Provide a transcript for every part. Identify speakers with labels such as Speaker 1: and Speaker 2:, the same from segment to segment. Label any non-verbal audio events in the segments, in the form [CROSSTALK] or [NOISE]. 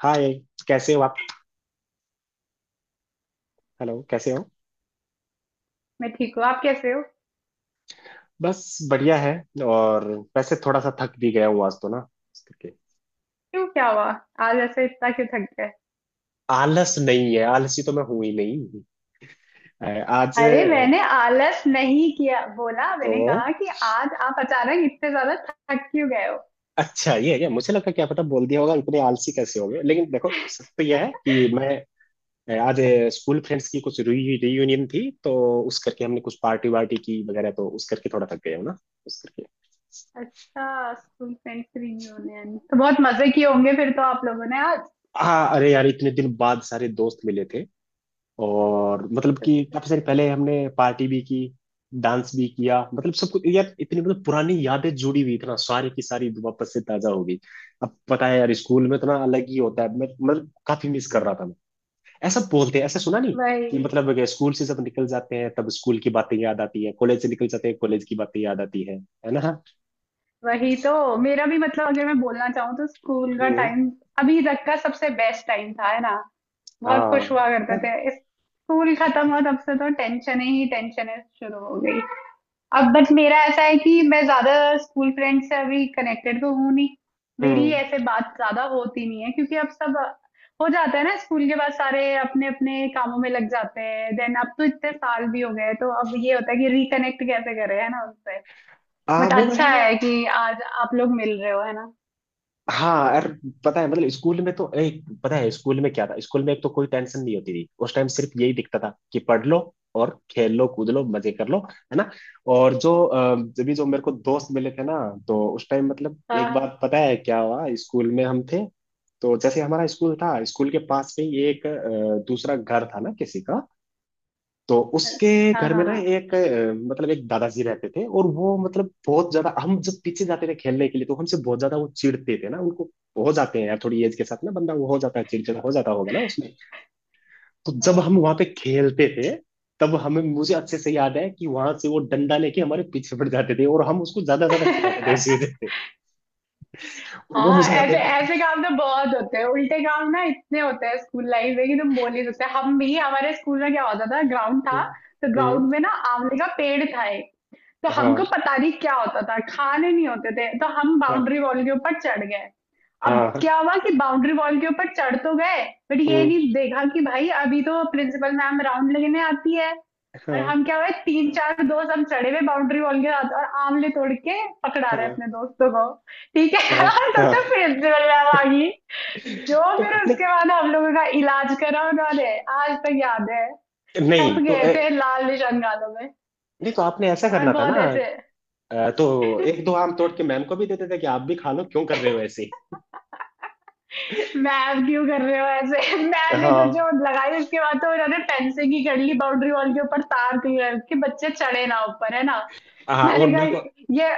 Speaker 1: हाय। कैसे हो आप। हेलो कैसे हो।
Speaker 2: मैं ठीक हूँ। आप कैसे हो?
Speaker 1: बस बढ़िया है। और वैसे थोड़ा सा थक भी गया हूँ आज तो ना। इस करके
Speaker 2: क्यों, क्या हुआ? आज ऐसे इतना क्यों थक गए?
Speaker 1: आलस नहीं है, आलसी तो मैं हूं ही नहीं। अ, आज
Speaker 2: अरे मैंने आलस नहीं किया बोला,
Speaker 1: तो
Speaker 2: मैंने कहा कि आज आप अचानक इतने ज्यादा थक क्यों गए हो?
Speaker 1: अच्छा ये है क्या, मुझे लगा क्या पता बोल दिया होगा इतने आलसी कैसे हो गए। लेकिन देखो सत्य यह है कि मैं आज स्कूल फ्रेंड्स की कुछ रियूनियन थी। तो उस करके हमने कुछ पार्टी वार्टी की वगैरह, तो उस करके थोड़ा थक गया हूँ ना। उस करके
Speaker 2: अच्छा स्कूल फ्रेंड्स रियूनियन, तो बहुत मजे किए होंगे फिर तो आप लोगों ने आज।
Speaker 1: हाँ अरे यार इतने दिन बाद सारे दोस्त मिले थे। और मतलब कि काफी सारी पहले हमने पार्टी भी की, डांस भी किया, मतलब सब कुछ यार इतनी मतलब पुरानी यादें जुड़ी हुई इतना सारी की सारी वापस से ताजा हो गई। अब पता है यार स्कूल में इतना अलग ही होता है, मैं मतलब काफी मिस कर रहा था मैं। ऐसा बोलते हैं, ऐसा सुना नहीं
Speaker 2: वही
Speaker 1: कि मतलब अगर स्कूल से जब निकल जाते हैं तब स्कूल की बातें याद आती है, कॉलेज से निकल जाते हैं कॉलेज की बातें याद आती है। है ना।
Speaker 2: वही तो मेरा भी मतलब, अगर मैं बोलना चाहूँ तो स्कूल का
Speaker 1: हम्म।
Speaker 2: टाइम अभी तक का सबसे बेस्ट टाइम था है ना। बहुत खुश
Speaker 1: हाँ।
Speaker 2: हुआ करते थे, इस स्कूल खत्म हुआ तब से तो टेंशन ही टेंशन शुरू हो गई। अब बट मेरा ऐसा है कि मैं ज्यादा स्कूल फ्रेंड से अभी कनेक्टेड तो हूँ नहीं। मेरी
Speaker 1: हम्म।
Speaker 2: ऐसे बात ज्यादा होती नहीं है क्योंकि अब सब हो जाता है ना स्कूल के बाद, सारे अपने अपने कामों में लग जाते हैं। देन अब तो इतने साल भी हो गए तो अब ये होता है कि रिकनेक्ट कैसे कर रहे हैं ना उससे।
Speaker 1: आ
Speaker 2: बट
Speaker 1: वो
Speaker 2: अच्छा
Speaker 1: है।
Speaker 2: है कि आज आप लोग मिल रहे हो है ना।
Speaker 1: हाँ यार, पता है मतलब स्कूल में तो एक पता है स्कूल में क्या था, स्कूल में एक तो कोई टेंशन नहीं होती थी, उस टाइम सिर्फ यही दिखता था कि पढ़ लो और खेल लो कूद लो मजे कर लो है ना। और जो जब भी जो मेरे को दोस्त मिले थे ना, तो उस टाइम मतलब एक
Speaker 2: हाँ
Speaker 1: बात पता है क्या हुआ, स्कूल में हम थे तो जैसे हमारा स्कूल था, स्कूल के पास में ही एक दूसरा घर था ना किसी का। तो उसके
Speaker 2: हाँ
Speaker 1: घर
Speaker 2: हाँ।
Speaker 1: में ना
Speaker 2: हाँ
Speaker 1: एक मतलब एक दादाजी रहते थे और वो मतलब बहुत ज्यादा हम जब पीछे जाते थे खेलने के लिए तो हमसे बहुत ज्यादा वो चिढ़ते थे ना उनको। हो जाते हैं यार थोड़ी एज के साथ ना, बंदा वो हो जाता है चिड़चिड़ा हो जाता होगा ना उसमें। तो जब हम वहां पे खेलते थे तब हमें मुझे अच्छे से याद है कि वहां से वो डंडा लेके हमारे पीछे पड़ जाते थे और हम उसको ज्यादा ज्यादा चिढ़ाते थे
Speaker 2: हाँ।
Speaker 1: उसी
Speaker 2: [LAUGHS]
Speaker 1: वजह से। और वो
Speaker 2: हाँ
Speaker 1: मुझे याद
Speaker 2: ऐसे
Speaker 1: है।
Speaker 2: ऐसे काम तो बहुत होते हैं, उल्टे काम ना इतने होते हैं स्कूल लाइफ में कि तुम बोल ही नहीं सकते। हम भी हमारे स्कूल में क्या होता था, ग्राउंड था
Speaker 1: हम्म,
Speaker 2: तो
Speaker 1: हम्म,
Speaker 2: ग्राउंड में ना आंवले का पेड़ था एक। तो हमको
Speaker 1: हाँ
Speaker 2: पता नहीं क्या होता था, खाने नहीं होते थे तो हम
Speaker 1: हाँ
Speaker 2: बाउंड्री वॉल के ऊपर चढ़ गए। अब
Speaker 1: हाँ।
Speaker 2: क्या हुआ कि बाउंड्री वॉल के ऊपर चढ़ तो गए बट ये
Speaker 1: हम्म,
Speaker 2: नहीं देखा कि भाई अभी तो प्रिंसिपल मैम राउंड लेने आती है। और
Speaker 1: हाँ।
Speaker 2: हम क्या हुए, तीन चार दोस्त हम चढ़े हुए बाउंड्री वॉल के साथ और आंवले तोड़ के पकड़ा रहे
Speaker 1: हाँ।
Speaker 2: अपने दोस्तों को। ठीक
Speaker 1: हाँ।
Speaker 2: है। [LAUGHS] तब तक
Speaker 1: हाँ।
Speaker 2: फिर जयराम आ गई। जो
Speaker 1: तो
Speaker 2: फिर
Speaker 1: नहीं।
Speaker 2: उसके बाद हम लोगों का इलाज करा उन्होंने। आज तक याद है,
Speaker 1: नहीं
Speaker 2: छप
Speaker 1: तो
Speaker 2: गए थे लाल निशान गालों में।
Speaker 1: नहीं तो आपने ऐसा
Speaker 2: यार
Speaker 1: करना था ना।
Speaker 2: बहुत ऐसे।
Speaker 1: तो एक दो आम तोड़ के मैम को भी देते थे कि आप भी खा लो, क्यों कर रहे हो ऐसे।
Speaker 2: मैम क्यों कर रहे हो ऐसे। [LAUGHS] मैम ने तो
Speaker 1: हाँ।
Speaker 2: जो लगाई उसके बाद तो उन्होंने फेंसिंग ही कर ली बाउंड्री वॉल के ऊपर तार थी कि बच्चे चढ़े ना ऊपर है ना।
Speaker 1: हाँ और
Speaker 2: मैंने कहा
Speaker 1: मेरे को
Speaker 2: ये।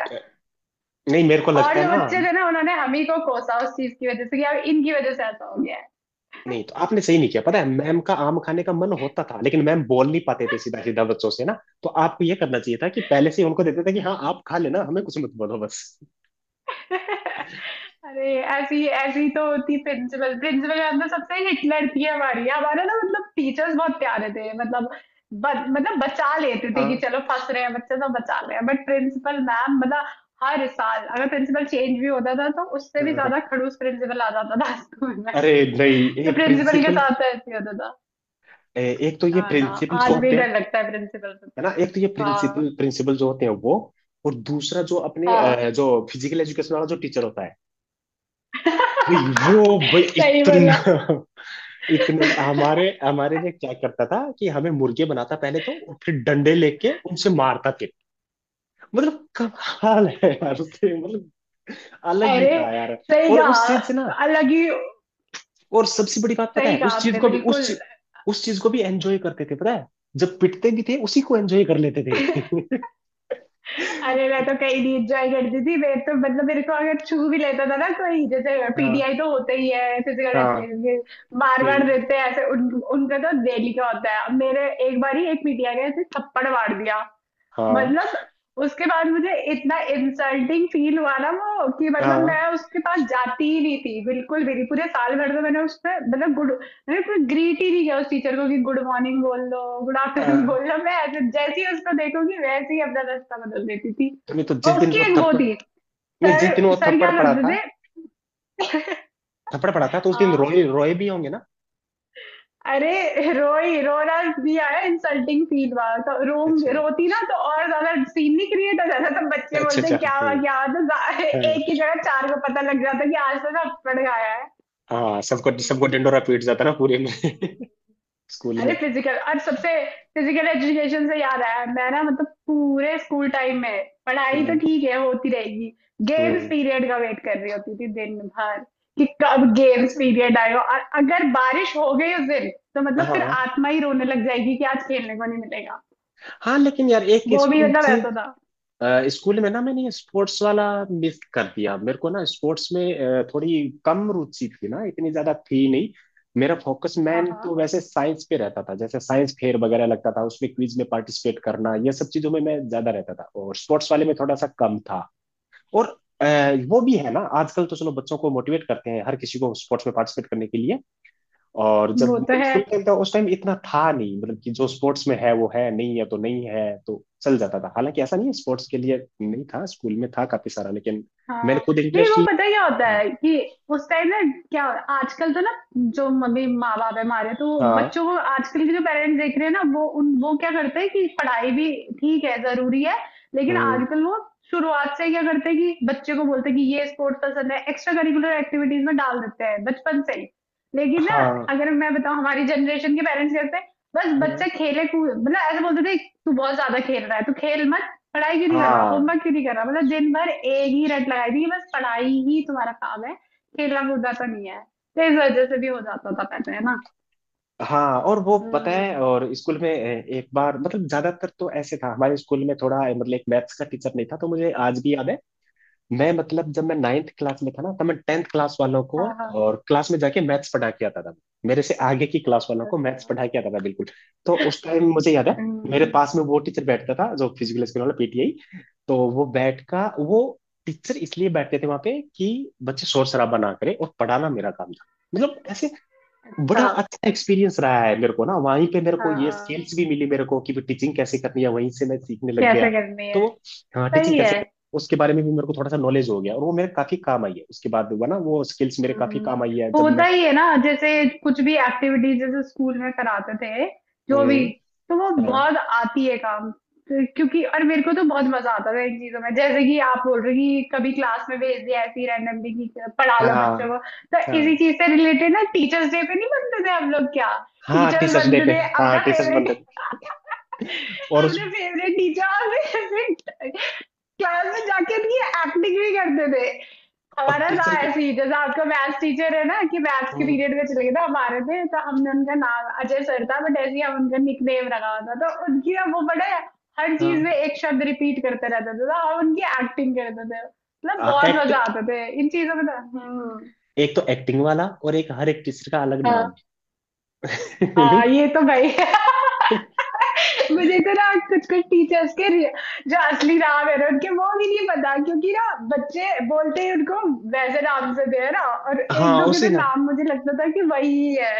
Speaker 1: नहीं मेरे को
Speaker 2: और
Speaker 1: लगता है
Speaker 2: जो
Speaker 1: ना,
Speaker 2: बच्चे थे ना उन्होंने हम ही को कोसा उस चीज की वजह से कि अब इनकी वजह से ऐसा हो गया है।
Speaker 1: नहीं तो आपने सही नहीं किया। पता है मैम का आम खाने का मन होता था लेकिन मैम बोल नहीं पाते थे सीधा सीधा बच्चों से ना। तो आपको ये करना चाहिए था कि पहले से ही उनको देते थे कि हाँ आप खा लेना, हमें कुछ मत बोलो बस।
Speaker 2: [LAUGHS] अरे ऐसी ऐसी तो होती। प्रिंसिपल प्रिंसिपल मैम तो सबसे हिटलर थी हमारी, हमारे ना मतलब टीचर्स बहुत प्यारे थे मतलब मतलब बचा लेते थे कि
Speaker 1: हाँ।
Speaker 2: चलो फंस रहे हैं बच्चे तो बचा रहे हैं, बट प्रिंसिपल मैम मतलब हर साल अगर प्रिंसिपल चेंज भी होता था तो उससे भी
Speaker 1: हाँ।
Speaker 2: ज्यादा खड़ूस प्रिंसिपल आ जाता था स्कूल में।
Speaker 1: अरे नहीं ये
Speaker 2: तो प्रिंसिपल के
Speaker 1: प्रिंसिपल
Speaker 2: साथ तो ऐसे ही होता था।
Speaker 1: एक तो ये
Speaker 2: हाँ ना।
Speaker 1: प्रिंसिपल
Speaker 2: आज
Speaker 1: जो
Speaker 2: भी
Speaker 1: होते हैं,
Speaker 2: डर लगता है प्रिंसिपल से।
Speaker 1: है ना एक तो ये
Speaker 2: हाँ
Speaker 1: प्रिंसिपल प्रिंसिपल जो होते हैं वो। और दूसरा जो अपने
Speaker 2: हाँ।
Speaker 1: जो फिजिकल एजुकेशन वाला जो टीचर होता है, भाई वो भाई
Speaker 2: [LAUGHS] सही
Speaker 1: इतना
Speaker 2: बोला।
Speaker 1: [LAUGHS] इतना हमारे हमारे लिए क्या करता था कि हमें मुर्गे बनाता पहले तो और फिर डंडे लेके उनसे मारता थे। मतलब कमाल है यार उससे, मतलब अलग ही
Speaker 2: अरे
Speaker 1: था यार।
Speaker 2: सही
Speaker 1: और उस चीज से ना
Speaker 2: कहा। अलग ही।
Speaker 1: और सबसे बड़ी बात पता
Speaker 2: सही
Speaker 1: है
Speaker 2: कहा
Speaker 1: उस चीज
Speaker 2: आपने
Speaker 1: को भी
Speaker 2: बिल्कुल।
Speaker 1: उस चीज को भी एंजॉय करते थे पता है, जब पिटते भी थे उसी को एंजॉय कर लेते थे।
Speaker 2: [LAUGHS] अरे मैं तो कहीं नहीं एंजॉय करती थी। मैं तो मतलब मेरे को अगर छू भी लेता था ना कोई, जैसे
Speaker 1: [LAUGHS] हाँ।
Speaker 2: पीटीआई तो होते ही है फिजिकल
Speaker 1: हाँ।
Speaker 2: एजुकेशन के, मार मार
Speaker 1: हम्म,
Speaker 2: देते हैं ऐसे उनका तो डेली का होता है। अब मेरे एक बार ही एक पीटीआई ने ऐसे थप्पड़ मार दिया,
Speaker 1: हाँ।
Speaker 2: मतलब उसके बाद मुझे इतना इंसल्टिंग फील हुआ ना वो कि मतलब मैं
Speaker 1: हाँ।
Speaker 2: उसके पास जाती ही नहीं थी बिल्कुल भी नहीं पूरे साल भर, तो मैंने उससे मतलब गुड, अरे कोई ग्रीट ही नहीं किया उस टीचर को कि गुड मॉर्निंग बोल लो, गुड आफ्टरनून [LAUGHS]
Speaker 1: आ,
Speaker 2: बोल लो। मैं ऐसे जैसे ही उसको देखूंगी वैसे ही अपना रास्ता बदल देती थी।
Speaker 1: नहीं तो
Speaker 2: और
Speaker 1: जिस दिन
Speaker 2: उसकी
Speaker 1: वो
Speaker 2: एक वो
Speaker 1: थप्पड़
Speaker 2: थी।
Speaker 1: नहीं जिस
Speaker 2: सर,
Speaker 1: दिन वो
Speaker 2: सर
Speaker 1: थप्पड़
Speaker 2: क्या
Speaker 1: पड़ा
Speaker 2: करते
Speaker 1: था,
Speaker 2: थे। [LAUGHS]
Speaker 1: थप्पड़ पड़ा था तो उस दिन
Speaker 2: हाँ,
Speaker 1: रोए रोए भी होंगे ना।
Speaker 2: अरे रोई, रोना भी आया, इंसल्टिंग फील हुआ तो रोम
Speaker 1: अच्छा
Speaker 2: रोती ना तो और ज्यादा सीन नहीं क्रिएट हो जाता, तो बच्चे
Speaker 1: अच्छा।
Speaker 2: बोलते
Speaker 1: अच्छा हम्म,
Speaker 2: क्या हुआ तो जा-
Speaker 1: हाँ।
Speaker 2: एक की जगह चार को पता लग जाता कि आज तो सब पड़ गया है।
Speaker 1: हाँ सबको
Speaker 2: नहीं
Speaker 1: सबको
Speaker 2: नहीं।
Speaker 1: डंडोरा पीट जाता ना पूरे में।
Speaker 2: हम्म।
Speaker 1: [LAUGHS] स्कूल
Speaker 2: अरे
Speaker 1: में।
Speaker 2: फिजिकल और सबसे फिजिकल एजुकेशन से याद आया मैं ना, मतलब पूरे स्कूल टाइम में पढ़ाई तो
Speaker 1: हम्म।
Speaker 2: ठीक है होती रहेगी, गेम्स
Speaker 1: हम्म।
Speaker 2: पीरियड का वेट कर रही होती थी दिन भर कि कब गेम्स
Speaker 1: अच्छा।
Speaker 2: पीरियड आएगा, और अगर बारिश हो गई उस दिन तो मतलब फिर
Speaker 1: हाँ।
Speaker 2: आत्मा ही रोने लग जाएगी कि आज खेलने को नहीं मिलेगा।
Speaker 1: हाँ लेकिन यार एक
Speaker 2: वो भी
Speaker 1: स्कूल
Speaker 2: मतलब ऐसा था।
Speaker 1: स्कूल में ना मैंने स्पोर्ट्स वाला मिस कर दिया। मेरे को ना स्पोर्ट्स में थोड़ी कम रुचि थी ना, इतनी ज्यादा थी नहीं। मेरा फोकस
Speaker 2: हाँ
Speaker 1: मैन
Speaker 2: हाँ।
Speaker 1: तो वैसे साइंस पे रहता था, जैसे साइंस फेयर वगैरह लगता था उसमें, क्विज में पार्टिसिपेट करना, ये सब चीजों में मैं ज्यादा रहता था और स्पोर्ट्स वाले में थोड़ा सा कम था। और अ, वो भी है ना, आजकल तो चलो बच्चों को मोटिवेट करते हैं हर किसी को स्पोर्ट्स में पार्टिसिपेट करने के लिए। और
Speaker 2: वो
Speaker 1: जब
Speaker 2: तो है।
Speaker 1: स्कूल टाइम था उस टाइम इतना था नहीं, मतलब कि जो स्पोर्ट्स में है वो है, नहीं है तो नहीं है, तो चल जाता था। हालांकि ऐसा नहीं है, स्पोर्ट्स के लिए नहीं था स्कूल में, था काफी सारा, लेकिन मैंने
Speaker 2: हाँ
Speaker 1: खुद
Speaker 2: नहीं
Speaker 1: इंटरेस्ट
Speaker 2: वो
Speaker 1: लिया।
Speaker 2: पता क्या होता है कि उस टाइम ना क्या हो- आजकल तो ना जो मम्मी माँ बाप है हमारे, तो वो
Speaker 1: हाँ।
Speaker 2: बच्चों को, आजकल के जो पेरेंट्स देख रहे हैं ना, वो उन वो क्या करते हैं कि पढ़ाई भी ठीक है जरूरी है, लेकिन
Speaker 1: हम्म,
Speaker 2: आजकल वो शुरुआत से ही क्या करते हैं कि बच्चे को बोलते हैं कि ये स्पोर्ट्स पसंद है, एक्स्ट्रा करिकुलर एक्टिविटीज में डाल देते हैं बचपन से ही। लेकिन ना
Speaker 1: हाँ।
Speaker 2: अगर मैं बताऊं, हमारी जनरेशन के पेरेंट्स कहते हैं बस
Speaker 1: हम्म,
Speaker 2: बच्चा खेले कूद, मतलब ऐसे बोलते थे तू बहुत ज्यादा खेल रहा है, तू खेल मत, पढ़ाई क्यों नहीं कर रहा,
Speaker 1: हाँ।
Speaker 2: होमवर्क क्यों नहीं कर रहा, मतलब दिन भर एक ही रट लगाई थी कि बस पढ़ाई ही तुम्हारा काम है, खेलना कूदना तो नहीं है। तो इस वजह से भी हो जाता था पहले है ना।
Speaker 1: हाँ और वो पता
Speaker 2: हम्म।
Speaker 1: है, और स्कूल में एक बार मतलब ज्यादातर तो ऐसे था हमारे स्कूल में, थोड़ा मतलब एक मैथ्स का टीचर नहीं था, तो मुझे आज भी याद है मैं मतलब जब मैं नाइन्थ क्लास में था ना तब मैं टेंथ क्लास वालों को
Speaker 2: हाँ हाँ।
Speaker 1: और क्लास में जाके मैथ्स पढ़ा के आता था। मेरे से आगे की क्लास वालों को मैथ्स
Speaker 2: अच्छा।
Speaker 1: पढ़ा के आता था बिल्कुल। तो उस टाइम मुझे याद है मेरे
Speaker 2: हम्म।
Speaker 1: पास में वो टीचर बैठता था जो फिजिकल स्कूल वाला पीटीआई, तो वो बैठ का वो टीचर इसलिए बैठते थे वहां पे कि बच्चे शोर शराबा ना करें और पढ़ाना मेरा काम था। मतलब
Speaker 2: अच्छा।
Speaker 1: ऐसे बड़ा
Speaker 2: हाँ
Speaker 1: अच्छा एक्सपीरियंस रहा है मेरे को ना, वहीं पे मेरे को ये
Speaker 2: हाँ
Speaker 1: स्किल्स भी मिली मेरे को कि भी टीचिंग कैसे करनी है, वहीं से मैं सीखने लग
Speaker 2: कैसे
Speaker 1: गया।
Speaker 2: करनी
Speaker 1: तो
Speaker 2: है।
Speaker 1: वो, हाँ टीचिंग
Speaker 2: सही
Speaker 1: कैसे
Speaker 2: है।
Speaker 1: करनी है, उसके बारे में भी मेरे को थोड़ा सा नॉलेज हो गया और वो मेरे काफी काम आई है। उसके बाद हुआ ना वो स्किल्स मेरे काफी
Speaker 2: हम्म,
Speaker 1: काम आई है जब
Speaker 2: होता
Speaker 1: मैं।
Speaker 2: ही है ना जैसे कुछ भी एक्टिविटीज जैसे स्कूल में कराते थे जो भी,
Speaker 1: हम्म।
Speaker 2: तो वो
Speaker 1: हाँ।
Speaker 2: बहुत आती है काम। तो क्योंकि, और मेरे को तो बहुत मजा आता था इन चीजों में, जैसे कि आप बोल रहे कि कभी क्लास में भेज दिया ऐसी रैंडमली कि पढ़ा लो बच्चों
Speaker 1: हाँ।
Speaker 2: को, तो
Speaker 1: हाँ।
Speaker 2: इसी चीज से रिलेटेड ना टीचर्स डे पे नहीं बनते थे हम लोग क्या,
Speaker 1: हाँ
Speaker 2: टीचर्स
Speaker 1: टीचर्स डे पे।
Speaker 2: बनते थे
Speaker 1: हाँ
Speaker 2: अपना
Speaker 1: टीचर्स
Speaker 2: फेवरेट।
Speaker 1: बनते
Speaker 2: [LAUGHS]
Speaker 1: थे और उस
Speaker 2: अपने फेवरेट टीचर। [LAUGHS] क्लास में जाके नहीं एक्टिंग भी करते थे।
Speaker 1: और
Speaker 2: हमारा था
Speaker 1: टीचर की।
Speaker 2: ऐसे ही जैसे आपका मैथ्स टीचर है ना कि मैथ्स के
Speaker 1: हम्म,
Speaker 2: पीरियड में चले गए थे, हमारे थे तो हमने उनका नाम अजय सर था बट ऐसे ही हम उनका निकनेम रखा हुआ था, तो उनकी ना वो बड़े हर चीज में
Speaker 1: हाँ।
Speaker 2: एक शब्द रिपीट करते रहते थे, तो हम उनकी एक्टिंग करते थे, मतलब बहुत
Speaker 1: एक्ट
Speaker 2: मजा आता थे इन चीजों में तो। हम्म।
Speaker 1: एक तो एक्टिंग वाला और एक हर एक टीचर का अलग
Speaker 2: हाँ
Speaker 1: नाम।
Speaker 2: हाँ ये तो भाई। [LAUGHS] मुझे तो ना कुछ कुछ टीचर्स के रि- जो असली नाम है ना उनके, वो भी नहीं पता क्योंकि ना बच्चे बोलते ही उनको वैसे नाम से दे ना, और
Speaker 1: [LAUGHS]
Speaker 2: एक
Speaker 1: हाँ
Speaker 2: दो के
Speaker 1: उसी
Speaker 2: तो
Speaker 1: ना।
Speaker 2: नाम मुझे लगता था कि वही है,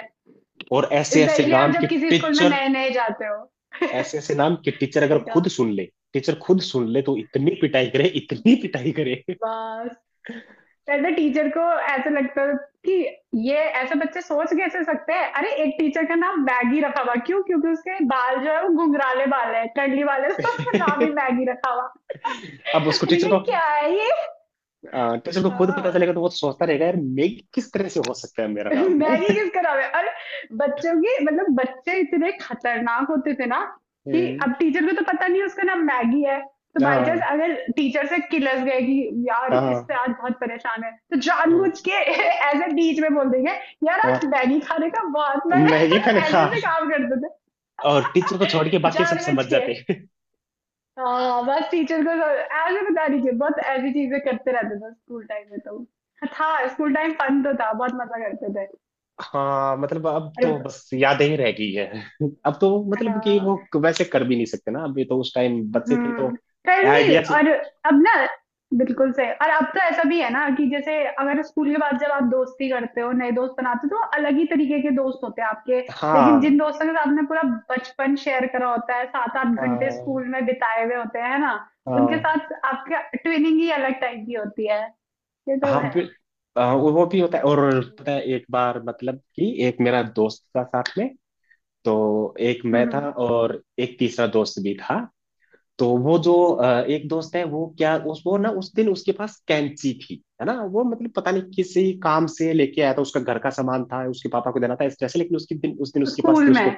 Speaker 1: और ऐसे ऐसे
Speaker 2: स्पेशली आप
Speaker 1: नाम
Speaker 2: जब
Speaker 1: के,
Speaker 2: किसी स्कूल में नए नए जाते हो। [LAUGHS]
Speaker 1: ऐसे ऐसे नाम कि टीचर अगर
Speaker 2: सही कहा।
Speaker 1: खुद सुन ले, टीचर खुद सुन ले तो इतनी पिटाई करे इतनी पिटाई करे।
Speaker 2: बस पहले टीचर को ऐसे लगता था कि ये ऐसे बच्चे सोच कैसे सकते हैं, अरे एक टीचर का नाम मैगी रखा हुआ क्यों, क्योंकि उसके बाल जो है वो घुंघराले बाल है टडली वाले, [LAUGHS] तो उसका नाम ही
Speaker 1: [LAUGHS]
Speaker 2: मैगी रखा हुआ। [LAUGHS]
Speaker 1: अब उसको
Speaker 2: मैंने
Speaker 1: टीचर को
Speaker 2: कहा क्या है ये।
Speaker 1: टीचर को खुद पता
Speaker 2: हाँ।
Speaker 1: चलेगा तो वो तो सोचता रहेगा यार मैं किस तरह से हो सकता है मेरा नाम
Speaker 2: [LAUGHS]
Speaker 1: [LAUGHS] है।
Speaker 2: मैगी किसका नाम है अरे। बच्चों के मतलब बच्चे इतने खतरनाक होते थे ना कि
Speaker 1: हम्म,
Speaker 2: अब टीचर को तो पता नहीं उसका नाम मैगी है, तो बाई चांस
Speaker 1: हाँ।
Speaker 2: अगर टीचर से किलस गए कि यार इससे
Speaker 1: हाँ।
Speaker 2: आज बहुत परेशान है, तो
Speaker 1: हम्म,
Speaker 2: जानबूझ के [LAUGHS] ऐसे बीच में बोल देंगे यार
Speaker 1: हाँ
Speaker 2: आज मैगी खाने का बहुत मन है।
Speaker 1: मैं ये
Speaker 2: [LAUGHS]
Speaker 1: खाने
Speaker 2: ऐसे
Speaker 1: हाँ,
Speaker 2: ऐसे काम करते थे
Speaker 1: और टीचर को छोड़ के बाकी सब
Speaker 2: जानबूझ
Speaker 1: समझ
Speaker 2: के।
Speaker 1: जाते हैं।
Speaker 2: हाँ बस टीचर को तो ऐसे बता दीजिए, बहुत ऐसी चीजें करते रहते थे स्कूल टाइम में। तो था, स्कूल टाइम फन तो था, बहुत मजा करते थे।
Speaker 1: हाँ मतलब अब
Speaker 2: अरे
Speaker 1: तो बस यादें ही रह गई है, अब तो मतलब कि
Speaker 2: हाँ।
Speaker 1: वो वैसे कर भी नहीं सकते ना, अभी तो उस टाइम बच्चे थे तो
Speaker 2: हम्म करनी।
Speaker 1: आइडिया।
Speaker 2: और अब ना बिल्कुल सही, और अब तो ऐसा भी है ना कि जैसे अगर स्कूल के बाद जब आप दोस्ती करते हो नए दोस्त बनाते हो तो अलग ही तरीके के दोस्त होते हैं आपके, लेकिन
Speaker 1: हाँ।
Speaker 2: जिन दोस्तों के साथ आपने पूरा बचपन शेयर करा होता है, सात आठ घंटे स्कूल में बिताए हुए होते हैं ना, उनके
Speaker 1: हाँ।
Speaker 2: साथ आपका ट्विनिंग ही अलग टाइप की होती है। ये तो
Speaker 1: हाँ
Speaker 2: है।
Speaker 1: बिल- वो भी होता है। और पता है
Speaker 2: हम्म
Speaker 1: एक बार मतलब कि एक मेरा दोस्त था साथ में, तो एक मैं
Speaker 2: हम्म।
Speaker 1: था
Speaker 2: हम्म।
Speaker 1: और एक तीसरा दोस्त भी था। तो वो जो एक दोस्त है वो क्या उस वो ना उस दिन उसके पास कैंची थी है ना, वो मतलब पता नहीं किसी काम से लेके आया था, उसका घर का सामान था उसके पापा को देना था इस तरह से, लेकिन उसके दिन उस दिन उसके पास
Speaker 2: स्कूल
Speaker 1: थी
Speaker 2: में।
Speaker 1: उसको।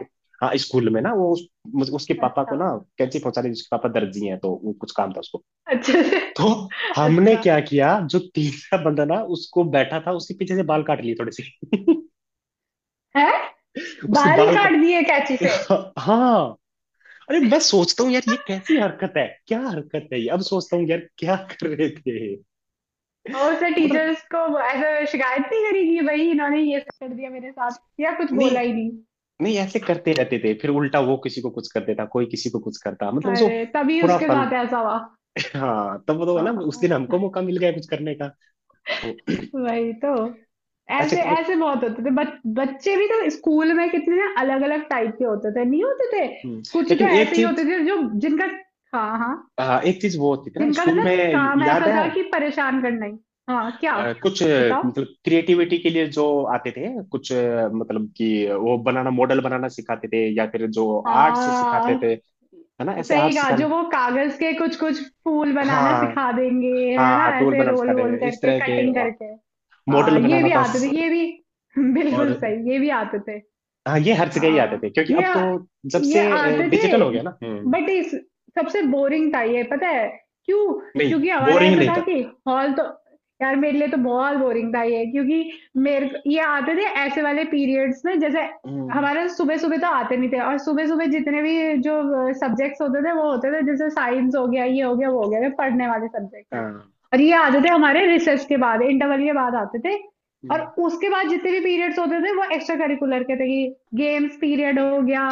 Speaker 1: हाँ स्कूल में ना वो उसके पापा
Speaker 2: अच्छा।
Speaker 1: को ना कैंची पहुंचा दी, उसके पापा दर्जी हैं तो वो कुछ काम था उसको।
Speaker 2: अच्छे से।
Speaker 1: तो
Speaker 2: [LAUGHS]
Speaker 1: हमने
Speaker 2: अच्छा
Speaker 1: क्या किया, जो तीसरा बंदा ना उसको बैठा था उसके पीछे से बाल काट लिए थोड़े से,
Speaker 2: है।
Speaker 1: उसके
Speaker 2: बाल
Speaker 1: बाल का।
Speaker 2: काट दिए कैंची से?
Speaker 1: [LAUGHS] हाँ अरे मैं सोचता हूँ यार ये कैसी हरकत है, क्या हरकत है ये, अब सोचता हूँ यार क्या कर रहे थे।
Speaker 2: और उसने
Speaker 1: मतलब
Speaker 2: टीचर्स को ऐसा शिकायत नहीं करी कि भाई इन्होंने ये कर दिया मेरे साथ, या कुछ
Speaker 1: नहीं।
Speaker 2: बोला ही नहीं?
Speaker 1: नहीं ऐसे करते रहते थे, फिर उल्टा वो किसी को कुछ कर देता, कोई किसी को कुछ करता, मतलब जो
Speaker 2: अरे तभी
Speaker 1: पूरा
Speaker 2: उसके
Speaker 1: फन।
Speaker 2: साथ ऐसा हुआ।
Speaker 1: हाँ तब तो ना उस
Speaker 2: हाँ,
Speaker 1: दिन हमको मौका मिल गया कुछ करने का। तो
Speaker 2: वही तो।
Speaker 1: ऐसे
Speaker 2: ऐसे
Speaker 1: करके
Speaker 2: ऐसे बहुत होते थे बच्चे भी तो स्कूल में कितने ना अलग अलग टाइप के होते थे नहीं होते थे,
Speaker 1: हम्म,
Speaker 2: कुछ तो
Speaker 1: लेकिन एक
Speaker 2: ऐसे ही
Speaker 1: चीज
Speaker 2: होते थे जो जिनका। हाँ हाँ।
Speaker 1: हाँ, एक चीज वो होती थी ना
Speaker 2: जिनका
Speaker 1: स्कूल में
Speaker 2: मतलब काम
Speaker 1: याद
Speaker 2: ऐसा
Speaker 1: है
Speaker 2: था कि परेशान करना ही। हाँ क्या,
Speaker 1: कुछ
Speaker 2: बताओ।
Speaker 1: मतलब क्रिएटिविटी के लिए जो आते थे कुछ मतलब कि वो बनाना मॉडल बनाना सिखाते थे या फिर जो आर्ट से सिखाते
Speaker 2: हाँ
Speaker 1: थे, है ना ऐसे आर्ट
Speaker 2: सही कहा,
Speaker 1: सिखाने।
Speaker 2: जो वो कागज के कुछ कुछ फूल बनाना
Speaker 1: हाँ
Speaker 2: सिखा देंगे, है ना
Speaker 1: हाँ टूल
Speaker 2: ऐसे
Speaker 1: बनाना
Speaker 2: रोल
Speaker 1: सिखाते
Speaker 2: वोल
Speaker 1: थे इस
Speaker 2: करके
Speaker 1: तरह के
Speaker 2: कटिंग करके।
Speaker 1: मॉडल
Speaker 2: हाँ ये
Speaker 1: बनाना
Speaker 2: भी
Speaker 1: था।
Speaker 2: आते थे, ये भी। [LAUGHS] बिल्कुल
Speaker 1: और
Speaker 2: सही, ये भी आते थे।
Speaker 1: हाँ ये हर जगह ही आते
Speaker 2: हाँ
Speaker 1: थे क्योंकि
Speaker 2: ये
Speaker 1: अब तो जब
Speaker 2: ये
Speaker 1: से
Speaker 2: आते
Speaker 1: डिजिटल
Speaker 2: थे।
Speaker 1: हो गया ना। हम्म।
Speaker 2: बट इस सबसे बोरिंग था ये पता है क्यों?
Speaker 1: नहीं
Speaker 2: क्योंकि हमारा
Speaker 1: बोरिंग
Speaker 2: ऐसा
Speaker 1: नहीं
Speaker 2: था
Speaker 1: था।
Speaker 2: कि हॉल तो, यार मेरे लिए तो बहुत बोरिंग था ये क्योंकि मेरे को- ये आते थे ऐसे वाले पीरियड्स में जैसे
Speaker 1: हम्म।
Speaker 2: हमारा सुबह सुबह तो आते नहीं थे, और सुबह सुबह जितने भी जो सब्जेक्ट्स होते थे वो होते थे जैसे साइंस हो गया ये हो गया वो हो गया, ये पढ़ने वाले सब्जेक्ट हैं।
Speaker 1: हाँ।
Speaker 2: और ये आते थे हमारे रिसेस के बाद, इंटरवल के बाद आते थे। और
Speaker 1: हम्म,
Speaker 2: उसके बाद जितने भी पीरियड्स होते थे वो एक्स्ट्रा करिकुलर के थे कि गेम्स पीरियड हो गया,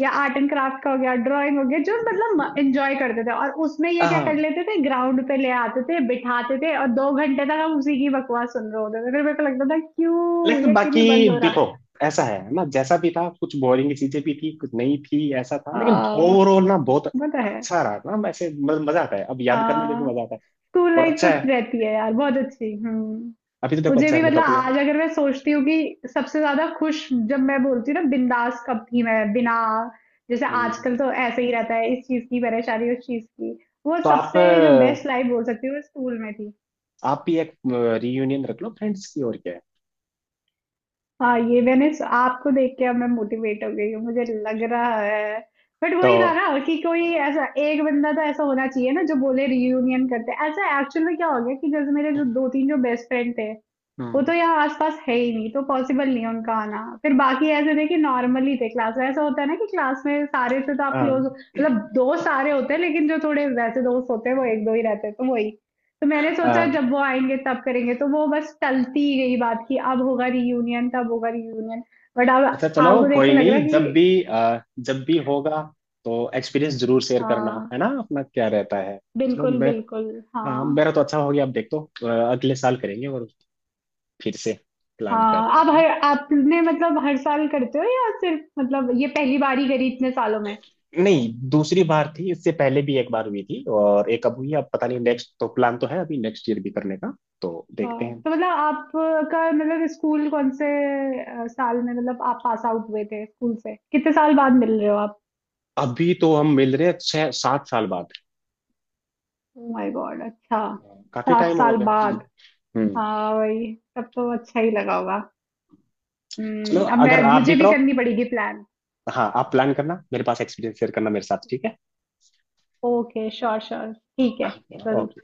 Speaker 2: या आर्ट एंड क्राफ्ट का हो गया, ड्राइंग हो गया, जो मतलब एंजॉय करते थे, और उसमें ये क्या कर
Speaker 1: हाँ
Speaker 2: लेते थे ग्राउंड पे ले आते थे बिठाते थे और दो घंटे तक हम उसी की बकवास सुन रहे होते थे, फिर मेरे को लगता था क्यों
Speaker 1: लेकिन
Speaker 2: ये क्यों
Speaker 1: बाकी
Speaker 2: नहीं बंद हो रहा।
Speaker 1: देखो ऐसा है ना जैसा भी था, कुछ बोरिंग चीजें भी थी कुछ नहीं थी ऐसा था,
Speaker 2: आ,
Speaker 1: लेकिन ओवरऑल ना बहुत
Speaker 2: पता है।
Speaker 1: अच्छा रहा ना वैसे मजा आता है, अब याद करने में भी
Speaker 2: हाँ
Speaker 1: मजा आता है।
Speaker 2: स्कूल
Speaker 1: और
Speaker 2: लाइफ तो
Speaker 1: अच्छा है,
Speaker 2: रहती है यार बहुत अच्छी। हम्म।
Speaker 1: अभी तो देखो
Speaker 2: मुझे
Speaker 1: अच्छा
Speaker 2: भी
Speaker 1: है मैं तो
Speaker 2: मतलब
Speaker 1: अपने।
Speaker 2: आज अगर मैं सोचती हूँ कि सबसे ज्यादा खुश जब मैं बोलती हूँ ना, बिंदास कब थी मैं, बिना, जैसे
Speaker 1: हम्म,
Speaker 2: आजकल तो ऐसे ही रहता है इस चीज की परेशानी उस चीज की, वो
Speaker 1: तो आप
Speaker 2: सबसे जो बेस्ट लाइफ बोल सकती हूँ स्कूल में थी।
Speaker 1: आप भी एक रियूनियन रख लो फ्रेंड्स की और क्या है।
Speaker 2: हाँ ये मैंने स- आपको देख के अब मैं मोटिवेट हो गई हूँ, मुझे लग रहा है। बट
Speaker 1: तो
Speaker 2: वही था ना कि कोई ऐसा एक बंदा तो ऐसा होना चाहिए ना जो बोले रियूनियन करते हैं। ऐसा एक्चुअल में क्या हो गया कि जैसे मेरे जो दो तीन जो बेस्ट फ्रेंड थे वो
Speaker 1: हम्म।
Speaker 2: तो यहाँ आसपास है ही नहीं, तो पॉसिबल नहीं है उनका आना। फिर बाकी ऐसे थे कि नॉर्मली थे, क्लास ऐसा होता है ना कि क्लास में सारे से तो आप
Speaker 1: हाँ
Speaker 2: क्लोज मतलब दोस्त सारे होते हैं लेकिन जो थोड़े वैसे दोस्त होते हैं वो एक दो ही रहते हैं तो वही। तो मैंने सोचा
Speaker 1: अ,
Speaker 2: जब वो आएंगे तब करेंगे, तो वो बस टलती ही गई बात की अब होगा रियूनियन तब होगा रियूनियन। बट अब
Speaker 1: अच्छा चलो
Speaker 2: आपको देख के
Speaker 1: कोई
Speaker 2: लग रहा है
Speaker 1: नहीं, जब
Speaker 2: कि
Speaker 1: भी जब भी होगा तो एक्सपीरियंस जरूर शेयर करना
Speaker 2: हाँ,
Speaker 1: है ना अपना क्या रहता है। चलो
Speaker 2: बिल्कुल
Speaker 1: मैं
Speaker 2: बिल्कुल।
Speaker 1: हाँ हाँ,
Speaker 2: हाँ
Speaker 1: मेरा तो अच्छा हो गया अब देख। तो अगले साल करेंगे और फिर से प्लान
Speaker 2: हाँ,
Speaker 1: करते
Speaker 2: आप
Speaker 1: हैं।
Speaker 2: हर आपने मतलब हर साल करते हो, या सिर्फ मतलब ये पहली बार ही करी इतने सालों में?
Speaker 1: नहीं दूसरी बार थी, इससे पहले भी एक बार हुई थी और एक अब हुई है, अब पता नहीं नेक्स्ट, तो प्लान तो है अभी नेक्स्ट ईयर भी करने का, तो देखते
Speaker 2: हाँ,
Speaker 1: हैं।
Speaker 2: तो मतलब आपका मतलब स्कूल कौन से साल में मतलब आप पास आउट हुए थे, स्कूल से कितने साल बाद मिल रहे हो आप?
Speaker 1: अभी तो हम मिल रहे हैं 6 7 साल बाद।
Speaker 2: ओ माय गॉड, अच्छा।
Speaker 1: काफी
Speaker 2: सात
Speaker 1: टाइम हो
Speaker 2: साल
Speaker 1: गया।
Speaker 2: बाद?
Speaker 1: हम्म। हम्म।
Speaker 2: हाँ वही, तब तो अच्छा ही लगा होगा।
Speaker 1: चलो
Speaker 2: हम्म, अब मैं
Speaker 1: अगर आप
Speaker 2: मुझे
Speaker 1: भी
Speaker 2: भी
Speaker 1: करो,
Speaker 2: करनी पड़ेगी प्लान।
Speaker 1: हाँ आप प्लान करना मेरे पास एक्सपीरियंस शेयर करना मेरे साथ ठीक
Speaker 2: ओके श्योर श्योर, ठीक है, जरूर।
Speaker 1: है।